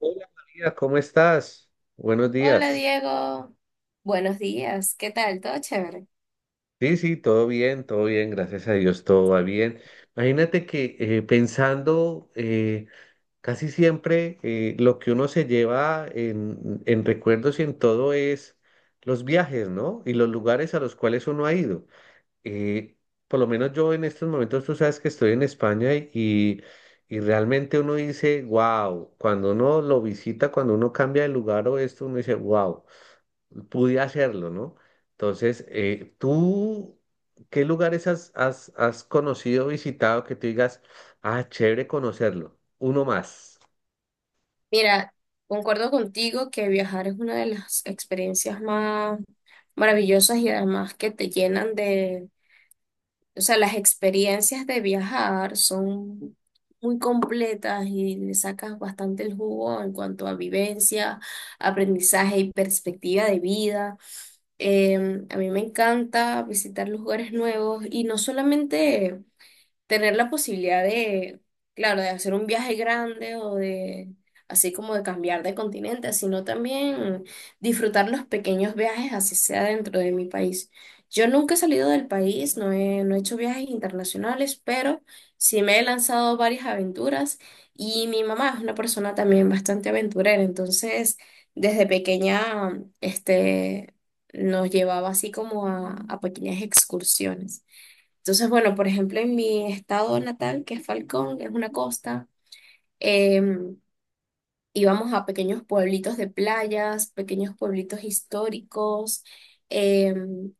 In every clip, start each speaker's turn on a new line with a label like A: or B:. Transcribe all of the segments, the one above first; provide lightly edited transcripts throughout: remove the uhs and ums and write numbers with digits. A: Hola María, ¿cómo estás? Buenos
B: Hola
A: días.
B: Diego, buenos días, ¿qué tal? ¿Todo chévere?
A: Sí, sí, todo bien, gracias a Dios, todo va bien. Imagínate que pensando, casi siempre, lo que uno se lleva en recuerdos y en todo es los viajes, ¿no? Y los lugares a los cuales uno ha ido. Eh, por lo menos yo en estos momentos, tú sabes que estoy en España y realmente uno dice, wow. Cuando uno lo visita, cuando uno cambia de lugar o esto, uno dice, wow, pude hacerlo, ¿no? Entonces, tú qué lugares has conocido, visitado que tú digas, ah, ¿chévere conocerlo? Uno más.
B: Mira, concuerdo contigo que viajar es una de las experiencias más maravillosas y además que te llenan o sea, las experiencias de viajar son muy completas y le sacas bastante el jugo en cuanto a vivencia, aprendizaje y perspectiva de vida. A mí me encanta visitar lugares nuevos y no solamente tener la posibilidad claro, de hacer un viaje grande así como de cambiar de continente, sino también disfrutar los pequeños viajes, así sea dentro de mi país. Yo nunca he salido del país, no he hecho viajes internacionales, pero sí me he lanzado varias aventuras y mi mamá es una persona también bastante aventurera, entonces desde pequeña, este, nos llevaba así como a pequeñas excursiones. Entonces, bueno, por ejemplo, en mi estado natal, que es Falcón, es una costa, em, íbamos a pequeños pueblitos de playas, pequeños pueblitos históricos. em,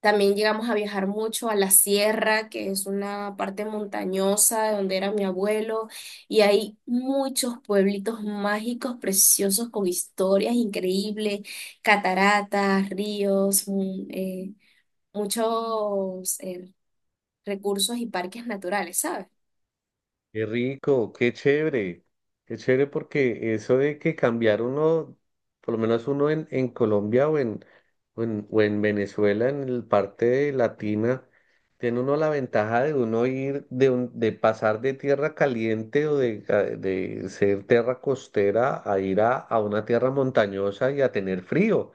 B: También llegamos a viajar mucho a la sierra, que es una parte montañosa de donde era mi abuelo, y hay muchos pueblitos mágicos, preciosos, con historias increíbles, cataratas, ríos, muchos... recursos y parques naturales, ¿sabes?
A: Qué rico, qué chévere, qué chévere, porque eso de que cambiar uno, por lo menos uno en Colombia o en Venezuela, en el parte de latina, tiene uno la ventaja de uno ir, de, de pasar de tierra caliente o de, de ser tierra costera a ir a una tierra montañosa y a tener frío.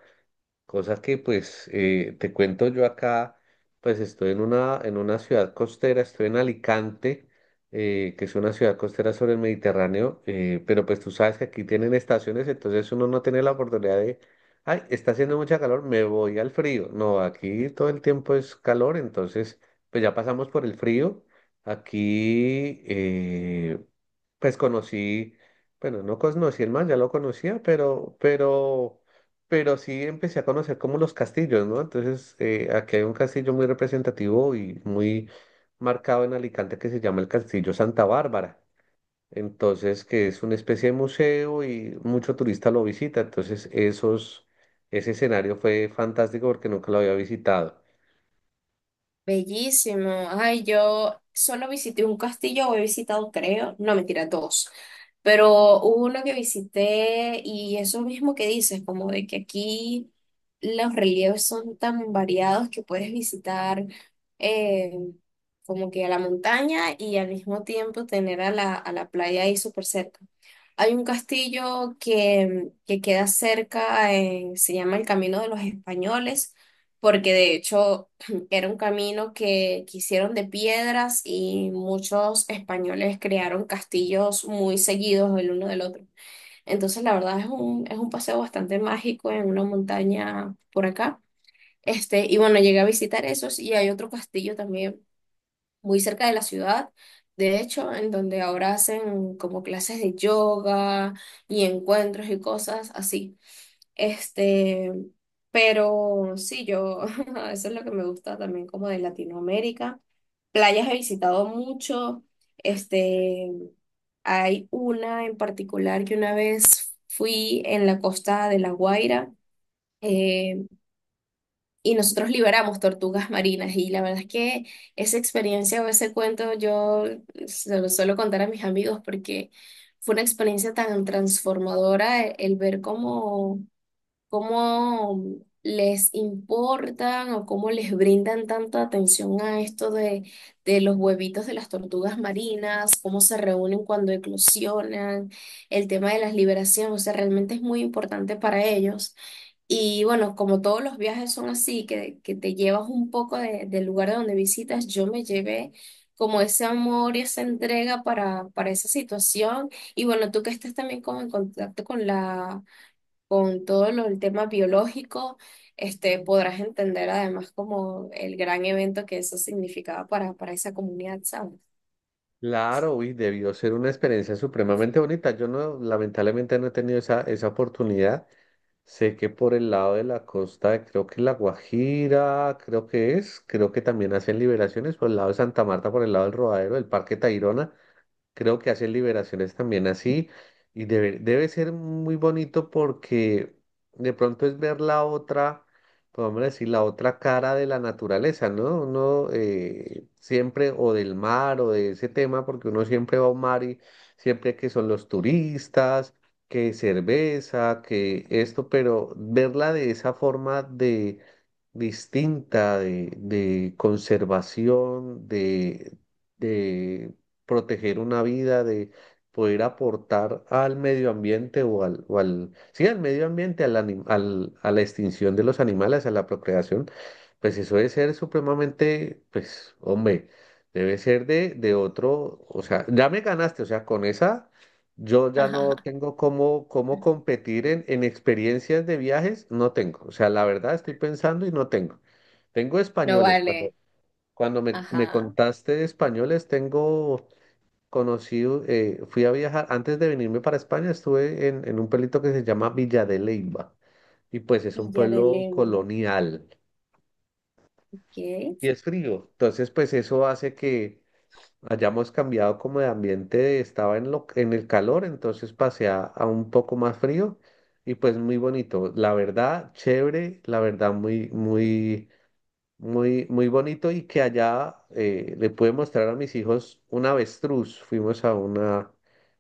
A: Cosa que pues, te cuento yo acá, pues estoy en una ciudad costera, estoy en Alicante, que es una ciudad costera sobre el Mediterráneo, pero pues tú sabes que aquí tienen estaciones, entonces uno no tiene la oportunidad de, ay, está haciendo mucha calor, me voy al frío. No, aquí todo el tiempo es calor, entonces pues ya pasamos por el frío. Aquí, pues conocí, bueno, no conocí el mar, ya lo conocía, pero sí empecé a conocer como los castillos, ¿no? Entonces, aquí hay un castillo muy representativo y muy marcado en Alicante que se llama el Castillo Santa Bárbara. Entonces, que es una especie de museo y mucho turista lo visita. Entonces, ese escenario fue fantástico porque nunca lo había visitado.
B: Bellísimo. Ay, yo solo visité un castillo, o he visitado, creo, no, mentira, dos. Pero hubo uno que visité y eso mismo que dices, como de que aquí los relieves son tan variados que puedes visitar eh, como que a la montaña y al mismo tiempo tener a a la playa ahí súper cerca. Hay un castillo que queda cerca, se llama el Camino de los Españoles, porque de hecho... Era un camino que hicieron de piedras y muchos españoles crearon castillos muy seguidos el uno del otro. Entonces, la verdad es es un paseo bastante mágico en una montaña por acá. Este, y bueno, llegué a visitar esos y hay otro castillo también muy cerca de la ciudad, de hecho, en donde ahora hacen como clases de yoga y encuentros y cosas así. Este, pero sí, yo, eso es lo que me gusta también como de Latinoamérica. Playas he visitado mucho. Este, hay una en particular que una vez fui en la costa de La Guaira. eh, y nosotros liberamos tortugas marinas y la verdad es que esa experiencia o ese cuento yo se lo suelo contar a mis amigos porque fue una experiencia tan transformadora el ver cómo, cómo les importan o cómo les brindan tanta atención a esto de los huevitos de las tortugas marinas, cómo se reúnen cuando eclosionan, el tema de las liberaciones, o sea, realmente es muy importante para ellos. Y bueno, como todos los viajes son así, que te llevas un poco de- del lugar de donde visitas, yo me llevé como ese amor y esa entrega para esa situación. Y bueno, tú que estás también como en contacto con con todo lo, el tema biológico, este, podrás entender además como el gran evento que eso significaba para esa comunidad, ¿sabes?
A: Claro, uy, debió ser una experiencia supremamente bonita. Yo no, lamentablemente no he tenido esa, esa oportunidad. Sé que por el lado de la costa de, creo que La Guajira, creo que es, creo que también hacen liberaciones por el lado de Santa Marta, por el lado del Rodadero, del Parque Tayrona. Creo que hacen liberaciones también así y debe, debe ser muy bonito, porque de pronto es ver la otra, podemos decir, la otra cara de la naturaleza, ¿no? Uno, siempre, o del mar o de ese tema, porque uno siempre va a un mar y siempre que son los turistas, que cerveza, que esto, pero verla de esa forma de distinta, de conservación, de proteger una vida, de poder aportar al medio ambiente o al sí, al medio ambiente, al, a la extinción de los animales, a la procreación, pues eso debe ser supremamente, pues, hombre, debe ser de otro, o sea, ya me ganaste, o sea, con esa... Yo ya no tengo cómo, cómo competir en experiencias de viajes, no tengo. O sea, la verdad estoy pensando y no tengo. Tengo
B: No
A: españoles. Cuando,
B: vale.
A: cuando me
B: Ajá.
A: contaste de españoles, tengo. Conocí, fui a viajar, antes de venirme para España, estuve en un pueblito que se llama Villa de Leyva y pues es un
B: Villa de
A: pueblo
B: Leyva.
A: colonial y
B: Ok.
A: es frío. Entonces, pues eso hace que hayamos cambiado como de ambiente, estaba en, lo, en el calor, entonces pasé a un poco más frío y pues muy bonito. La verdad, chévere, la verdad, muy, muy... muy, muy bonito. Y que allá, le pude mostrar a mis hijos un avestruz. Fuimos a una,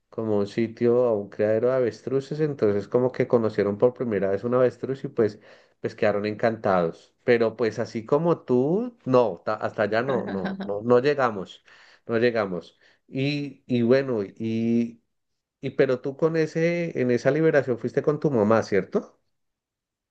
A: como un sitio, a un criadero de avestruces, entonces como que conocieron por primera vez un avestruz y pues, pues quedaron encantados. Pero pues así como tú, no, hasta allá no, no, no, no llegamos, no llegamos. Y bueno, y pero tú con ese, en esa liberación fuiste con tu mamá, ¿cierto?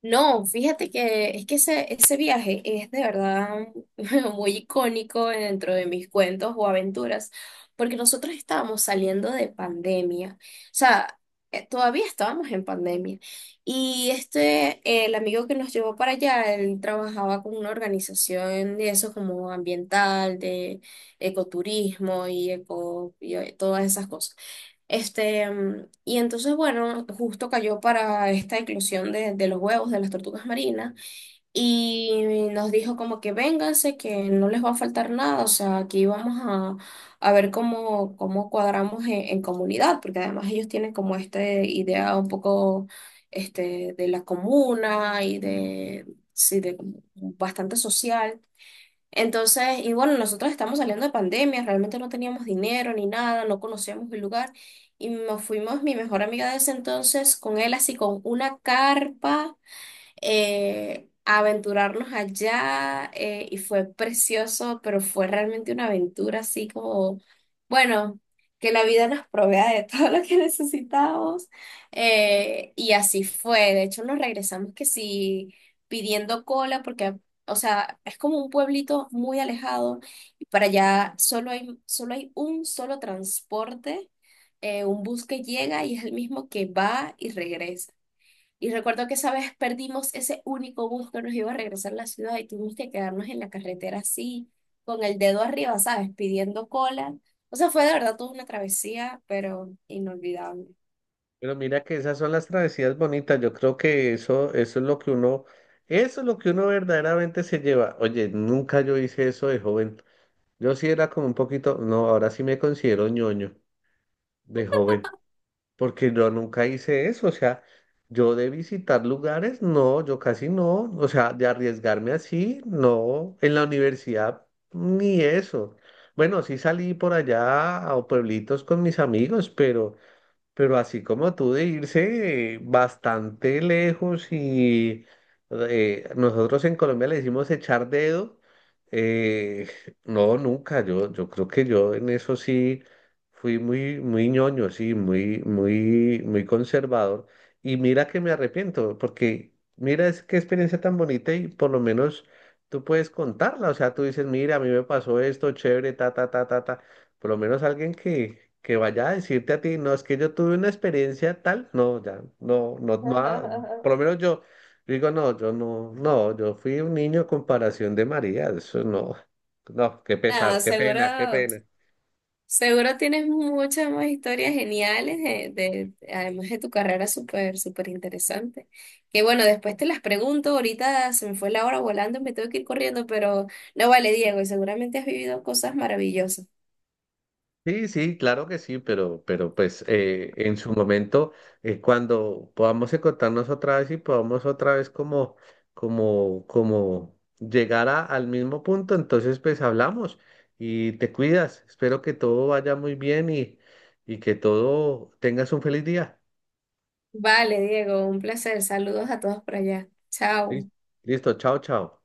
B: No, fíjate que es que ese viaje es de verdad muy icónico dentro de mis cuentos o aventuras, porque nosotros estábamos saliendo de pandemia, o sea, todavía estábamos en pandemia, y este, el amigo que nos llevó para allá, él trabajaba con una organización de eso como ambiental, de ecoturismo y todas esas cosas. Y entonces, bueno, justo cayó para esta inclusión de los huevos de las tortugas marinas y nos dijo como que vénganse, que no les va a faltar nada, o sea, aquí vamos a ver cómo, cómo cuadramos en comunidad, porque además ellos tienen como esta idea un poco este, de la comuna sí, de bastante social. Entonces, y bueno, nosotros estamos saliendo de pandemia, realmente no teníamos dinero ni nada, no conocíamos el lugar y nos fuimos, mi mejor amiga de ese entonces, con él así con una carpa a aventurarnos allá, y fue precioso, pero fue realmente una aventura así como, bueno, que la vida nos provea de todo lo que necesitábamos, y así fue. De hecho, nos regresamos que sí pidiendo cola porque... ah, o sea, es como un pueblito muy alejado y para allá solo hay un solo transporte, un bus que llega y es el mismo que va y regresa. Y recuerdo que esa vez perdimos ese único bus que nos iba a regresar a la ciudad y tuvimos que quedarnos en la carretera así, con el dedo arriba, ¿sabes? Pidiendo cola. O sea, fue de verdad toda una travesía, pero inolvidable.
A: Pero mira que esas son las travesías bonitas. Yo creo que eso es lo que uno, eso es lo que uno verdaderamente se lleva. Oye, nunca yo hice eso de joven. Yo sí era como un poquito, no, ahora sí me considero ñoño de joven, porque yo nunca hice eso. O sea, yo de visitar lugares, no, yo casi no. O sea, de arriesgarme así, no. En la universidad, ni eso. Bueno, sí salí por allá a pueblitos con mis amigos, pero así como tú, de irse, bastante lejos y, nosotros en Colombia le decimos echar dedo, eh, no, nunca. Yo creo que yo en eso sí fui muy, muy ñoño, sí, muy, muy, muy conservador. Y mira que me arrepiento, porque mira es qué experiencia tan bonita, y por lo menos tú puedes contarla. O sea, tú dices, mira, a mí me pasó esto, chévere, ta, ta, ta, ta, ta. Por lo menos alguien que vaya a decirte a ti, no, es que yo tuve una experiencia tal, no, ya, no, no, no, ha- por lo menos yo digo, no, yo no, no, yo fui un niño comparación de María, eso no, no, qué
B: Nada,
A: pesar, qué
B: seguro,
A: pena, qué pena.
B: seguro tienes muchas más historias geniales de- además de tu carrera súper, súper interesante. Que bueno, después te las pregunto, ahorita se me fue la hora volando, me tengo que ir corriendo, pero no vale, Diego, y seguramente has vivido cosas maravillosas.
A: Sí, sí, claro que sí, pero pues, en su momento, cuando podamos encontrarnos otra vez y podamos otra vez como, como, como llegar al mismo punto, entonces pues hablamos. Y te cuidas. Espero que todo vaya muy bien y que todo tengas un feliz día.
B: Vale, Diego, un placer. Saludos a todos por allá.
A: Lis-
B: Chao.
A: Listo, chao, chao.